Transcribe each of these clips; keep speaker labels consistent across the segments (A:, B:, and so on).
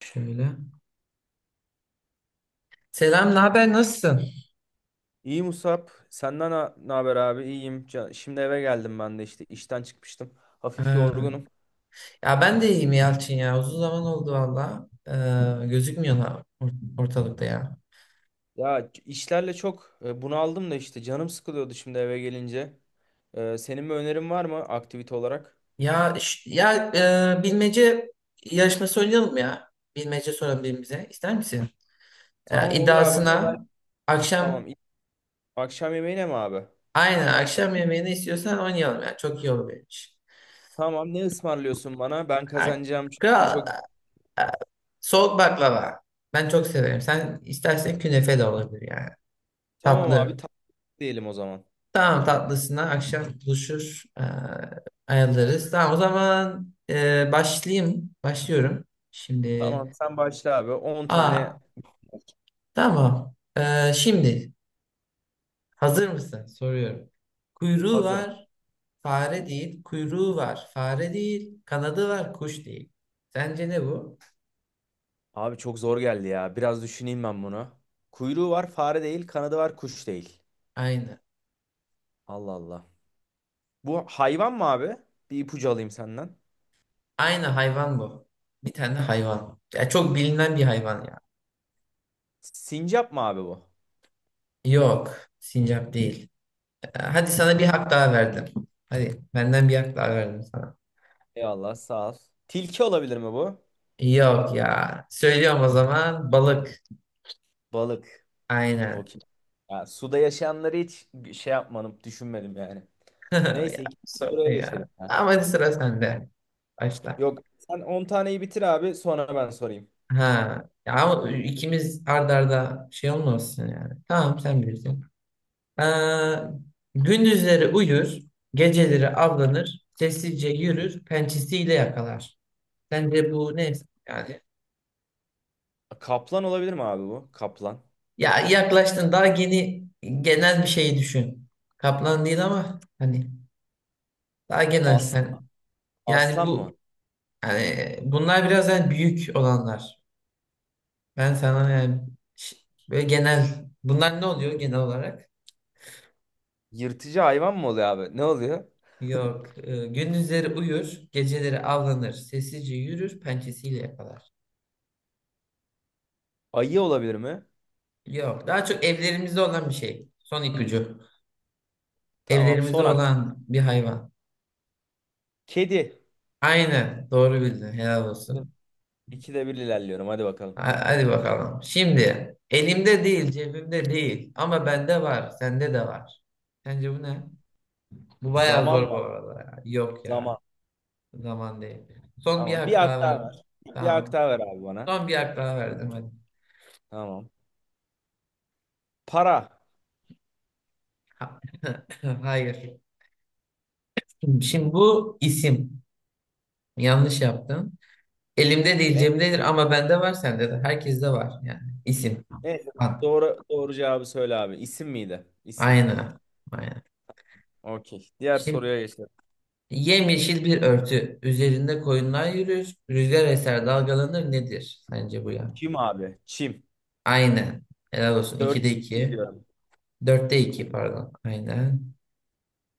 A: Şöyle. Selam, ne haber? Nasılsın?
B: İyi Musab. Senden ne haber abi? İyiyim. Şimdi eve geldim ben de işte işten çıkmıştım. Hafif
A: Ha.
B: yorgunum.
A: Ya ben de iyiyim Yalçın ya. Uzun zaman oldu valla. Gözükmüyorsun ortalıkta ya.
B: Ya işlerle çok bunaldım da işte canım sıkılıyordu şimdi eve gelince. Senin bir önerin var mı aktivite olarak?
A: Ya bilmece yarışması oynayalım ya. Bilmece soralım birbirimize. İster misin? Ya,
B: Tamam olur abi ama ben
A: iddiasına
B: tamam.
A: akşam,
B: Akşam yemeğine mi abi?
A: aynen, akşam yemeğini istiyorsan oynayalım ya. Çok iyi olur benim için.
B: Tamam, ne ısmarlıyorsun bana? Ben
A: Ha,
B: kazanacağım çünkü
A: Kral,
B: çok.
A: e, soğuk baklava. Ben çok severim. Sen istersen künefe de olabilir yani.
B: Tamam
A: Tatlı.
B: abi, tatlı diyelim o zaman.
A: Tamam, tatlısına akşam buluşur, ayarlarız. Tamam, o zaman başlayayım. Başlıyorum. Şimdi
B: Tamam, sen başla abi. on
A: aa
B: tane
A: tamam. Şimdi hazır mısın? Soruyorum. Kuyruğu
B: Hazırım.
A: var, fare değil. Kuyruğu var, fare değil. Kanadı var, kuş değil. Sence ne bu?
B: Abi çok zor geldi ya. Biraz düşüneyim ben bunu. Kuyruğu var, fare değil, kanadı var, kuş değil.
A: Aynı.
B: Allah Allah. Bu hayvan mı abi? Bir ipucu alayım senden.
A: Aynı hayvan bu. Bir tane hayvan. Ya çok bilinen bir hayvan ya.
B: Sincap mı abi bu?
A: Yok. Sincap değil. Ya, hadi sana bir
B: Ha,
A: hak daha verdim. Hadi, benden bir hak daha verdim sana.
B: eyvallah, sağ ol. Tilki olabilir mi bu?
A: Yok ya. Söylüyorum o zaman, balık.
B: Balık.
A: Aynen.
B: Okey. Ya, suda yaşayanları hiç şey yapmadım, düşünmedim yani. Neyse
A: Ya,
B: ikinci
A: sorun
B: soruya geçelim.
A: ya.
B: Ha.
A: Ama hadi, sıra sende. Başla.
B: Yok, sen 10 taneyi bitir abi, sonra ben sorayım.
A: Ha. Ya ama ikimiz arda arda şey olmasın yani. Tamam, sen bilirsin. Ee, Gündüzleri uyur, geceleri avlanır, sessizce yürür, pençesiyle yakalar. Sence bu ne yani?
B: Kaplan olabilir mi abi bu? Kaplan.
A: Ya yaklaştın, daha yeni, genel bir şey düşün. Kaplan değil ama hani, daha genel.
B: As
A: Hani, yani
B: aslan mı?
A: bu, yani bunlar biraz, yani büyük olanlar. Ben sana yani, ş- böyle genel, bunlar ne oluyor genel olarak?
B: Yırtıcı hayvan mı oluyor abi? Ne oluyor?
A: Yok. Gündüzleri uyur, geceleri avlanır, sessizce yürür, pençesiyle yakalar.
B: Ayı olabilir mi?
A: Yok. Daha çok evlerimizde olan bir şey. Son ipucu.
B: Tamam.
A: Evlerimizde
B: Son hak.
A: olan bir hayvan.
B: Kedi.
A: Aynen. Doğru bildin. Helal olsun.
B: 2'de 1 ilerliyorum. Hadi bakalım.
A: Hadi bakalım. Şimdi, elimde değil, cebimde değil ama bende var, sende de var. Sence bu ne? Bu bayağı
B: Zaman
A: zor bu
B: mı?
A: arada ya. Yok
B: Zaman.
A: ya, zaman değil. Son bir
B: Tamam. Bir
A: hak
B: hak
A: daha
B: daha ver.
A: verdim.
B: Bir hak
A: Tamam.
B: daha ver abi bana.
A: Son bir hak daha verdim, hadi.
B: Tamam. Para.
A: Ha- Hayır.
B: Hmm.
A: Şimdi, bu isim. Yanlış yaptın. Elimde değil,
B: Ne?
A: cebimdedir ama bende var, sende de. Herkeste var yani. İsim.
B: Ne?
A: Ad.
B: Doğru, doğru cevabı söyle abi. İsim miydi? İsim.
A: Aynen. Aynen.
B: Okey. Diğer
A: Şimdi,
B: soruya geçelim.
A: yemyeşil bir örtü. Üzerinde koyunlar yürür. Rüzgar eser, dalgalanır, nedir? Sence bu ya.
B: Çim abi. Çim.
A: Aynen. Helal olsun.
B: Dört
A: 2'de 2.
B: gidiyorum.
A: 4'te iki, pardon. Aynen.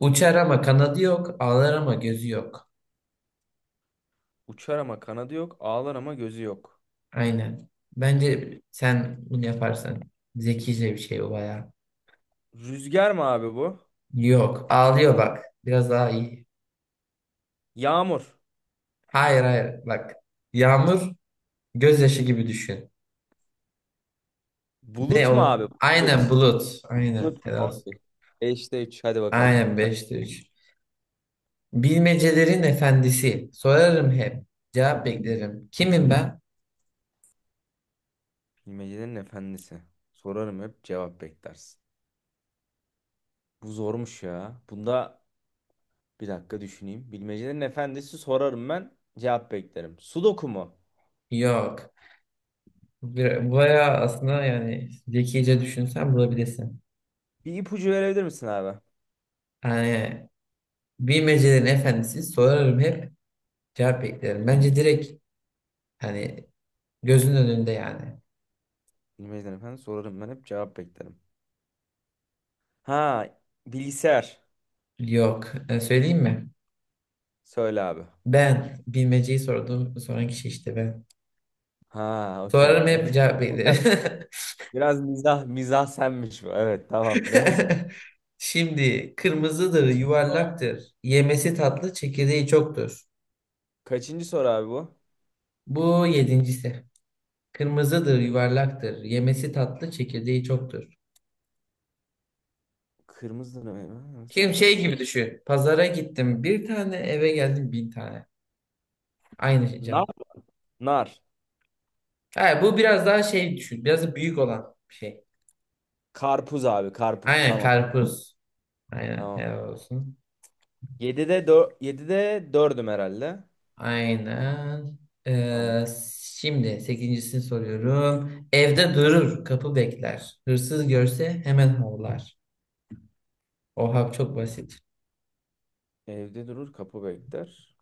A: Uçar ama kanadı yok. Ağlar ama gözü yok.
B: Uçar ama kanadı yok. Ağlar ama gözü yok.
A: Aynen. Bence sen bunu yaparsan, zekice bir şey bu baya.
B: Rüzgar mı abi bu?
A: Yok. Ağlıyor, bak. Biraz daha iyi.
B: Yağmur.
A: Hayır, hayır. Bak. Yağmur, gözyaşı gibi düşün. Ne
B: Bulut mu abi?
A: o? Aynen,
B: Bulut.
A: bulut. Aynen.
B: Bulut mu?
A: Helal olsun.
B: Okey. 5'te 3. Hadi bakalım.
A: Aynen, beşte 3. Bilmecelerin efendisi. Sorarım hep. Cevap beklerim. Kimim ben?
B: Bilmecenin efendisi. Sorarım hep, cevap beklersin. Bu zormuş ya. Bunda bir dakika düşüneyim. Bilmecenin efendisi sorarım, ben cevap beklerim. Sudoku mu?
A: Yok. Bayağı aslında, yani zekice düşünsen bulabilirsin.
B: Bir ipucu verebilir misin abi?
A: Yani, bilmecelerin efendisi. Sorarım hep. Cevap beklerim. Bence direkt, hani, gözünün önünde yani.
B: Bilmecenin efendisi sorarım ben hep cevap beklerim. Ha, bilgisayar.
A: Yok. Söyleyeyim mi?
B: Söyle abi.
A: Ben. Bilmeceyi sorduğum, soran kişi işte ben.
B: Ha, okey
A: Sorarım
B: abi.
A: hep, cevap beklerim.
B: Biraz mizah mizah senmiş bu. Evet, tamam, neyse.
A: Şimdi, kırmızıdır, yuvarlaktır. Yemesi tatlı, çekirdeği çoktur.
B: Kaçıncı soru abi bu?
A: Bu yedincisi. Kırmızıdır, yuvarlaktır. Yemesi tatlı, çekirdeği çoktur.
B: Kırmızı ne? Nasıl
A: Kim,
B: atıyor?
A: şey gibi düşün. Pazara gittim bir tane, eve geldim bin tane. Aynı şey
B: Nar.
A: cevap.
B: Nar.
A: Ha, bu biraz daha şey düşün. Biraz da büyük olan bir şey.
B: Karpuz abi, karpuz,
A: Aynen,
B: tamam.
A: karpuz. Aynen,
B: Tamam.
A: helal olsun.
B: 7'de 4, 7'de dördüm herhalde.
A: Aynen.
B: Tamam.
A: Ee, Şimdi sekincisini soruyorum. Evde durur, kapı bekler. Hırsız görse hemen havlar. Oha, çok basit.
B: Evde durur, kapı bekler.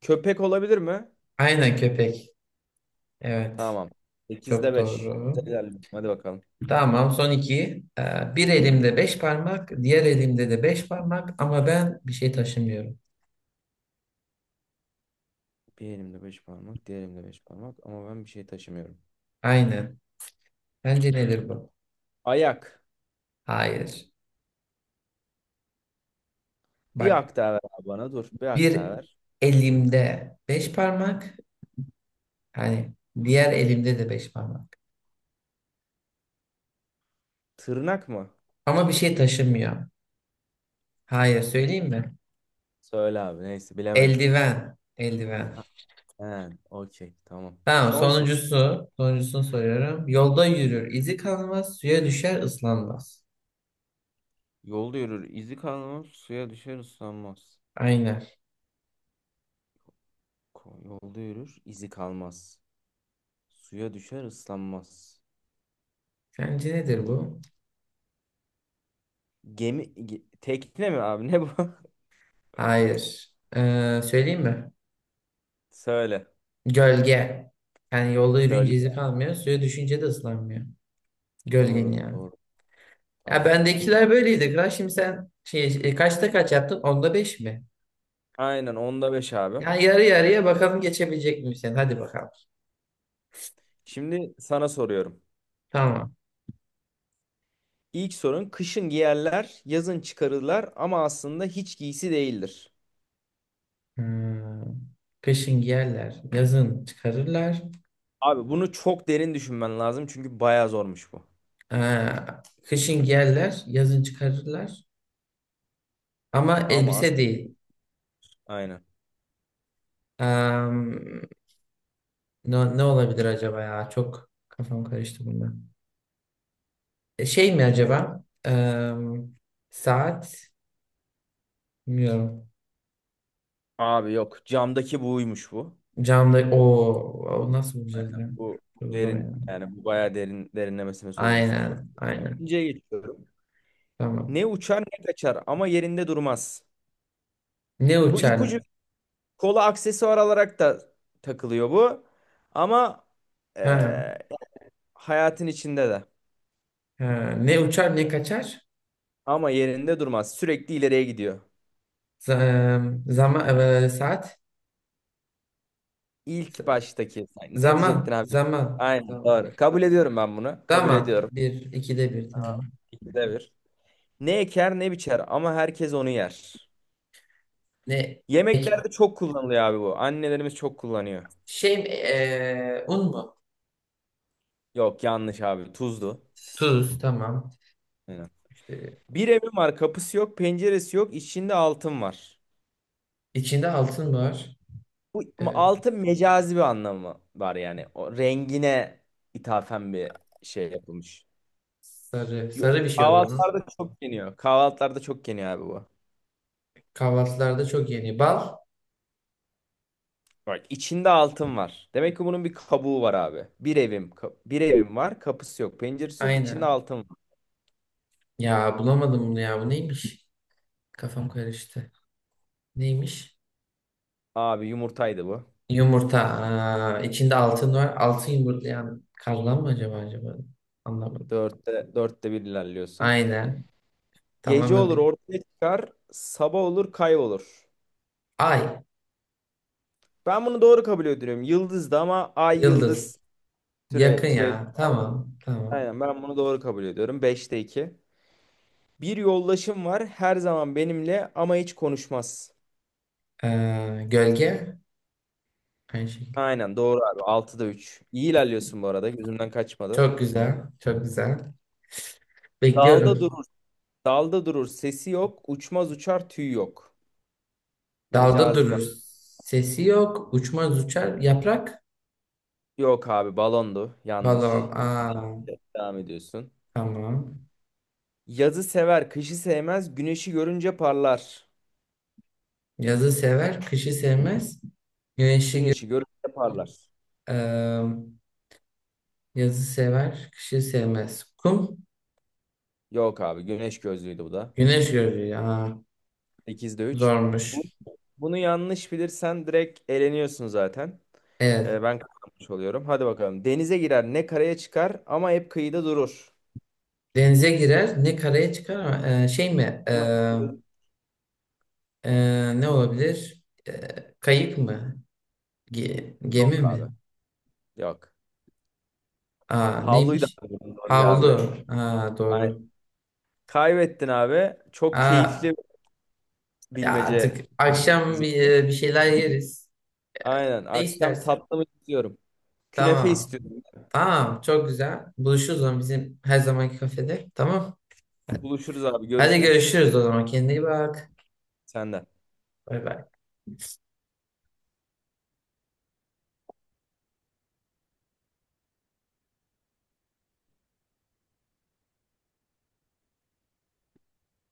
B: Köpek olabilir mi?
A: Aynen, köpek. Evet.
B: Tamam. 8'de
A: Çok
B: 5.
A: doğru.
B: Güzel ilerliyorum. Hadi bakalım.
A: Tamam, son iki. Bir elimde beş parmak, diğer elimde de beş parmak ama ben bir şey taşımıyorum.
B: Bir elimde beş parmak, diğer elimde 5 parmak, ama ben bir şey taşımıyorum.
A: Aynen. Bence nedir bu?
B: Ayak.
A: Hayır.
B: Bir
A: Bak,
B: hak daha ver abi bana, dur. Bir hak daha
A: bir
B: ver.
A: elimde beş parmak, hani, diğer elimde de beş parmak.
B: Tırnak mı?
A: Ama bir şey taşımıyor. Hayır, söyleyeyim mi?
B: Söyle abi, neyse, bilemedim.
A: Eldiven. Eldiven.
B: Ha, he, okey, tamam.
A: Tamam,
B: Son soru.
A: sonuncusu. Sonuncusunu soruyorum. Yolda yürür, izi kalmaz, suya düşer, ıslanmaz.
B: Yolda yürür, izi kalmaz, suya düşer, ıslanmaz.
A: Aynen.
B: Yolda yürür, izi kalmaz. Suya düşer, ıslanmaz.
A: Sence nedir
B: Oo.
A: bu?
B: Tekne mi abi, ne bu?
A: Hayır. Söyleyeyim mi?
B: Söyle.
A: Gölge. Yani yolda yürüyünce izi
B: Gölge.
A: kalmıyor. Suya düşünce de ıslanmıyor. Gölgen
B: Doğru,
A: yani.
B: doğru.
A: Ya,
B: Tamam.
A: bendekiler böyleydi. Kral. Şimdi sen şey, kaçta kaç yaptın? Onda beş mi?
B: Aynen 10'da 5 abi.
A: Yani yarı yarıya, bakalım geçebilecek miyim sen? Hadi bakalım.
B: Şimdi sana soruyorum.
A: Tamam.
B: İlk sorun: kışın giyerler, yazın çıkarırlar ama aslında hiç giysi değildir.
A: Hmm. Kışın giyerler. Yazın çıkarırlar.
B: Abi, bunu çok derin düşünmen lazım çünkü bayağı zormuş bu.
A: Aa, kışın giyerler. Yazın çıkarırlar. Ama
B: Ama
A: elbise değil.
B: aynen.
A: Am, ne olabilir acaba ya? Çok kafam karıştı bunda. Şey mi acaba? Saat, bilmiyorum.
B: Abi yok, camdaki buymuş bu.
A: Canlı o nasıl bulacağız ya?
B: Bu
A: Çok zor
B: derin
A: ya.
B: yani, bu bayağı derin, derinlemesine sorulmuş bir soru.
A: Aynen, aynen.
B: İkinciye geçiyorum.
A: Tamam.
B: Ne uçar, ne kaçar ama yerinde durmaz.
A: Ne
B: Bu ipucu.
A: uçar?
B: Kola aksesuar olarak da takılıyor bu. Ama
A: Ha,
B: eee, hayatın içinde de.
A: ha. Ne uçar, ne kaçar?
B: Ama yerinde durmaz. Sürekli ileriye gidiyor.
A: Zaman, saat. Z-
B: İlk baştaki. Sen ne diyecektin
A: Zaman,
B: abi?
A: zaman,
B: Aynen
A: zaman.
B: doğru. Kabul ediyorum ben bunu. Kabul
A: Zaman,
B: ediyorum.
A: bir ikide bir, tamam.
B: 2'de 1. Ne eker, ne biçer ama herkes onu yer.
A: Ne ek-
B: Yemeklerde çok kullanılıyor abi bu. Annelerimiz çok kullanıyor.
A: şey mi, un mu?
B: Yok, yanlış abi. Tuzdu.
A: Tuz, tamam.
B: Aynen.
A: İşte,
B: Bir evim var. Kapısı yok. Penceresi yok. İçinde altın var.
A: içinde altın var.
B: Bu
A: Eee,
B: altın mecazi bir anlamı var yani. O rengine ithafen bir şey yapılmış.
A: Sarı
B: Yo-
A: sarı bir şey o zaman.
B: Kahvaltılarda çok yeniyor. Kahvaltılarda çok yeniyor abi bu.
A: Kahvaltılarda çok yeniyor. Bal?
B: Bak, içinde altın var. Demek ki bunun bir kabuğu var abi. Bir evim var. Kapısı yok, penceresi yok. İçinde
A: Aynen.
B: altın var.
A: Ya bulamadım bunu ya. Bu neymiş? Kafam karıştı. Neymiş?
B: Abi yumurtaydı bu.
A: Yumurta. Aa, içinde altın var. Altın yumurtlayan karlan mı acaba, acaba? Anlamadım.
B: Dörtte bir ilerliyorsun.
A: Aynen.
B: Gece
A: Tamamen
B: olur
A: bir.
B: ortaya çıkar. Sabah olur kaybolur.
A: Ay.
B: Ben bunu doğru kabul ediyorum. Yıldızdı ama ay
A: Yıldız.
B: yıldız. Türe,
A: Yakın
B: türe
A: ya. Tamam. Tamam.
B: Aynen, ben bunu doğru kabul ediyorum. 5'te 2. Bir yoldaşım var her zaman benimle ama hiç konuşmaz.
A: Gölge. Aynı şekilde.
B: Aynen doğru abi. 6'da 3. İyi ilerliyorsun bu arada. Gözümden kaçmadı.
A: Çok güzel. Çok güzel.
B: Dalda
A: Bekliyorum.
B: durur. Dalda durur. Sesi yok. Uçmaz uçar, tüy yok.
A: Dalda
B: Mecazi bir...
A: durur. Sesi yok. Uçmaz, uçar. Yaprak.
B: Yok abi, balondu.
A: Balon.
B: Yanlış. Yine
A: Aa,
B: devam ediyorsun.
A: tamam.
B: Yazı sever, kışı sevmez. Güneşi görünce parlar.
A: Yazı sever, kışı sevmez. Güneşi gö
B: Güneşi görünce parlar.
A: Eee, Yazı sever, kışı sevmez. Kum,
B: Yok abi, güneş gözlüydü bu da.
A: güneş görür. Aa,
B: 8'de 3. Bu,
A: zormuş.
B: bunu yanlış bilirsen direkt eleniyorsun zaten. Ee,
A: Evet.
B: ben kazanmış oluyorum. Hadi bakalım. Denize girer, ne karaya çıkar ama hep kıyıda durur.
A: Denize girer, ne karaya çıkar ama şey mi?
B: Ama hep kıyıda durur.
A: Ne olabilir? Kayık mı? Gemi
B: Yok abi.
A: mi?
B: Yok.
A: Aa,
B: Havluyu da
A: neymiş?
B: aldın doğru ya abi.
A: Havlu. Aa,
B: Aynen.
A: doğru.
B: Kaybettin abi. Çok keyifli
A: Aa, ya
B: bilmece
A: artık akşam
B: bizimki.
A: bir şeyler yeriz.
B: Aynen.
A: Ne
B: Akşam
A: istersen.
B: tatlı mı istiyorum? Künefe
A: Tamam.
B: istiyorum.
A: Tamam, çok güzel. Buluşuruz o zaman, bizim her zamanki kafede. Tamam.
B: Buluşuruz abi.
A: Hadi,
B: Görüşürüz.
A: görüşürüz o zaman. Kendine iyi bak.
B: Senden.
A: Bay bay.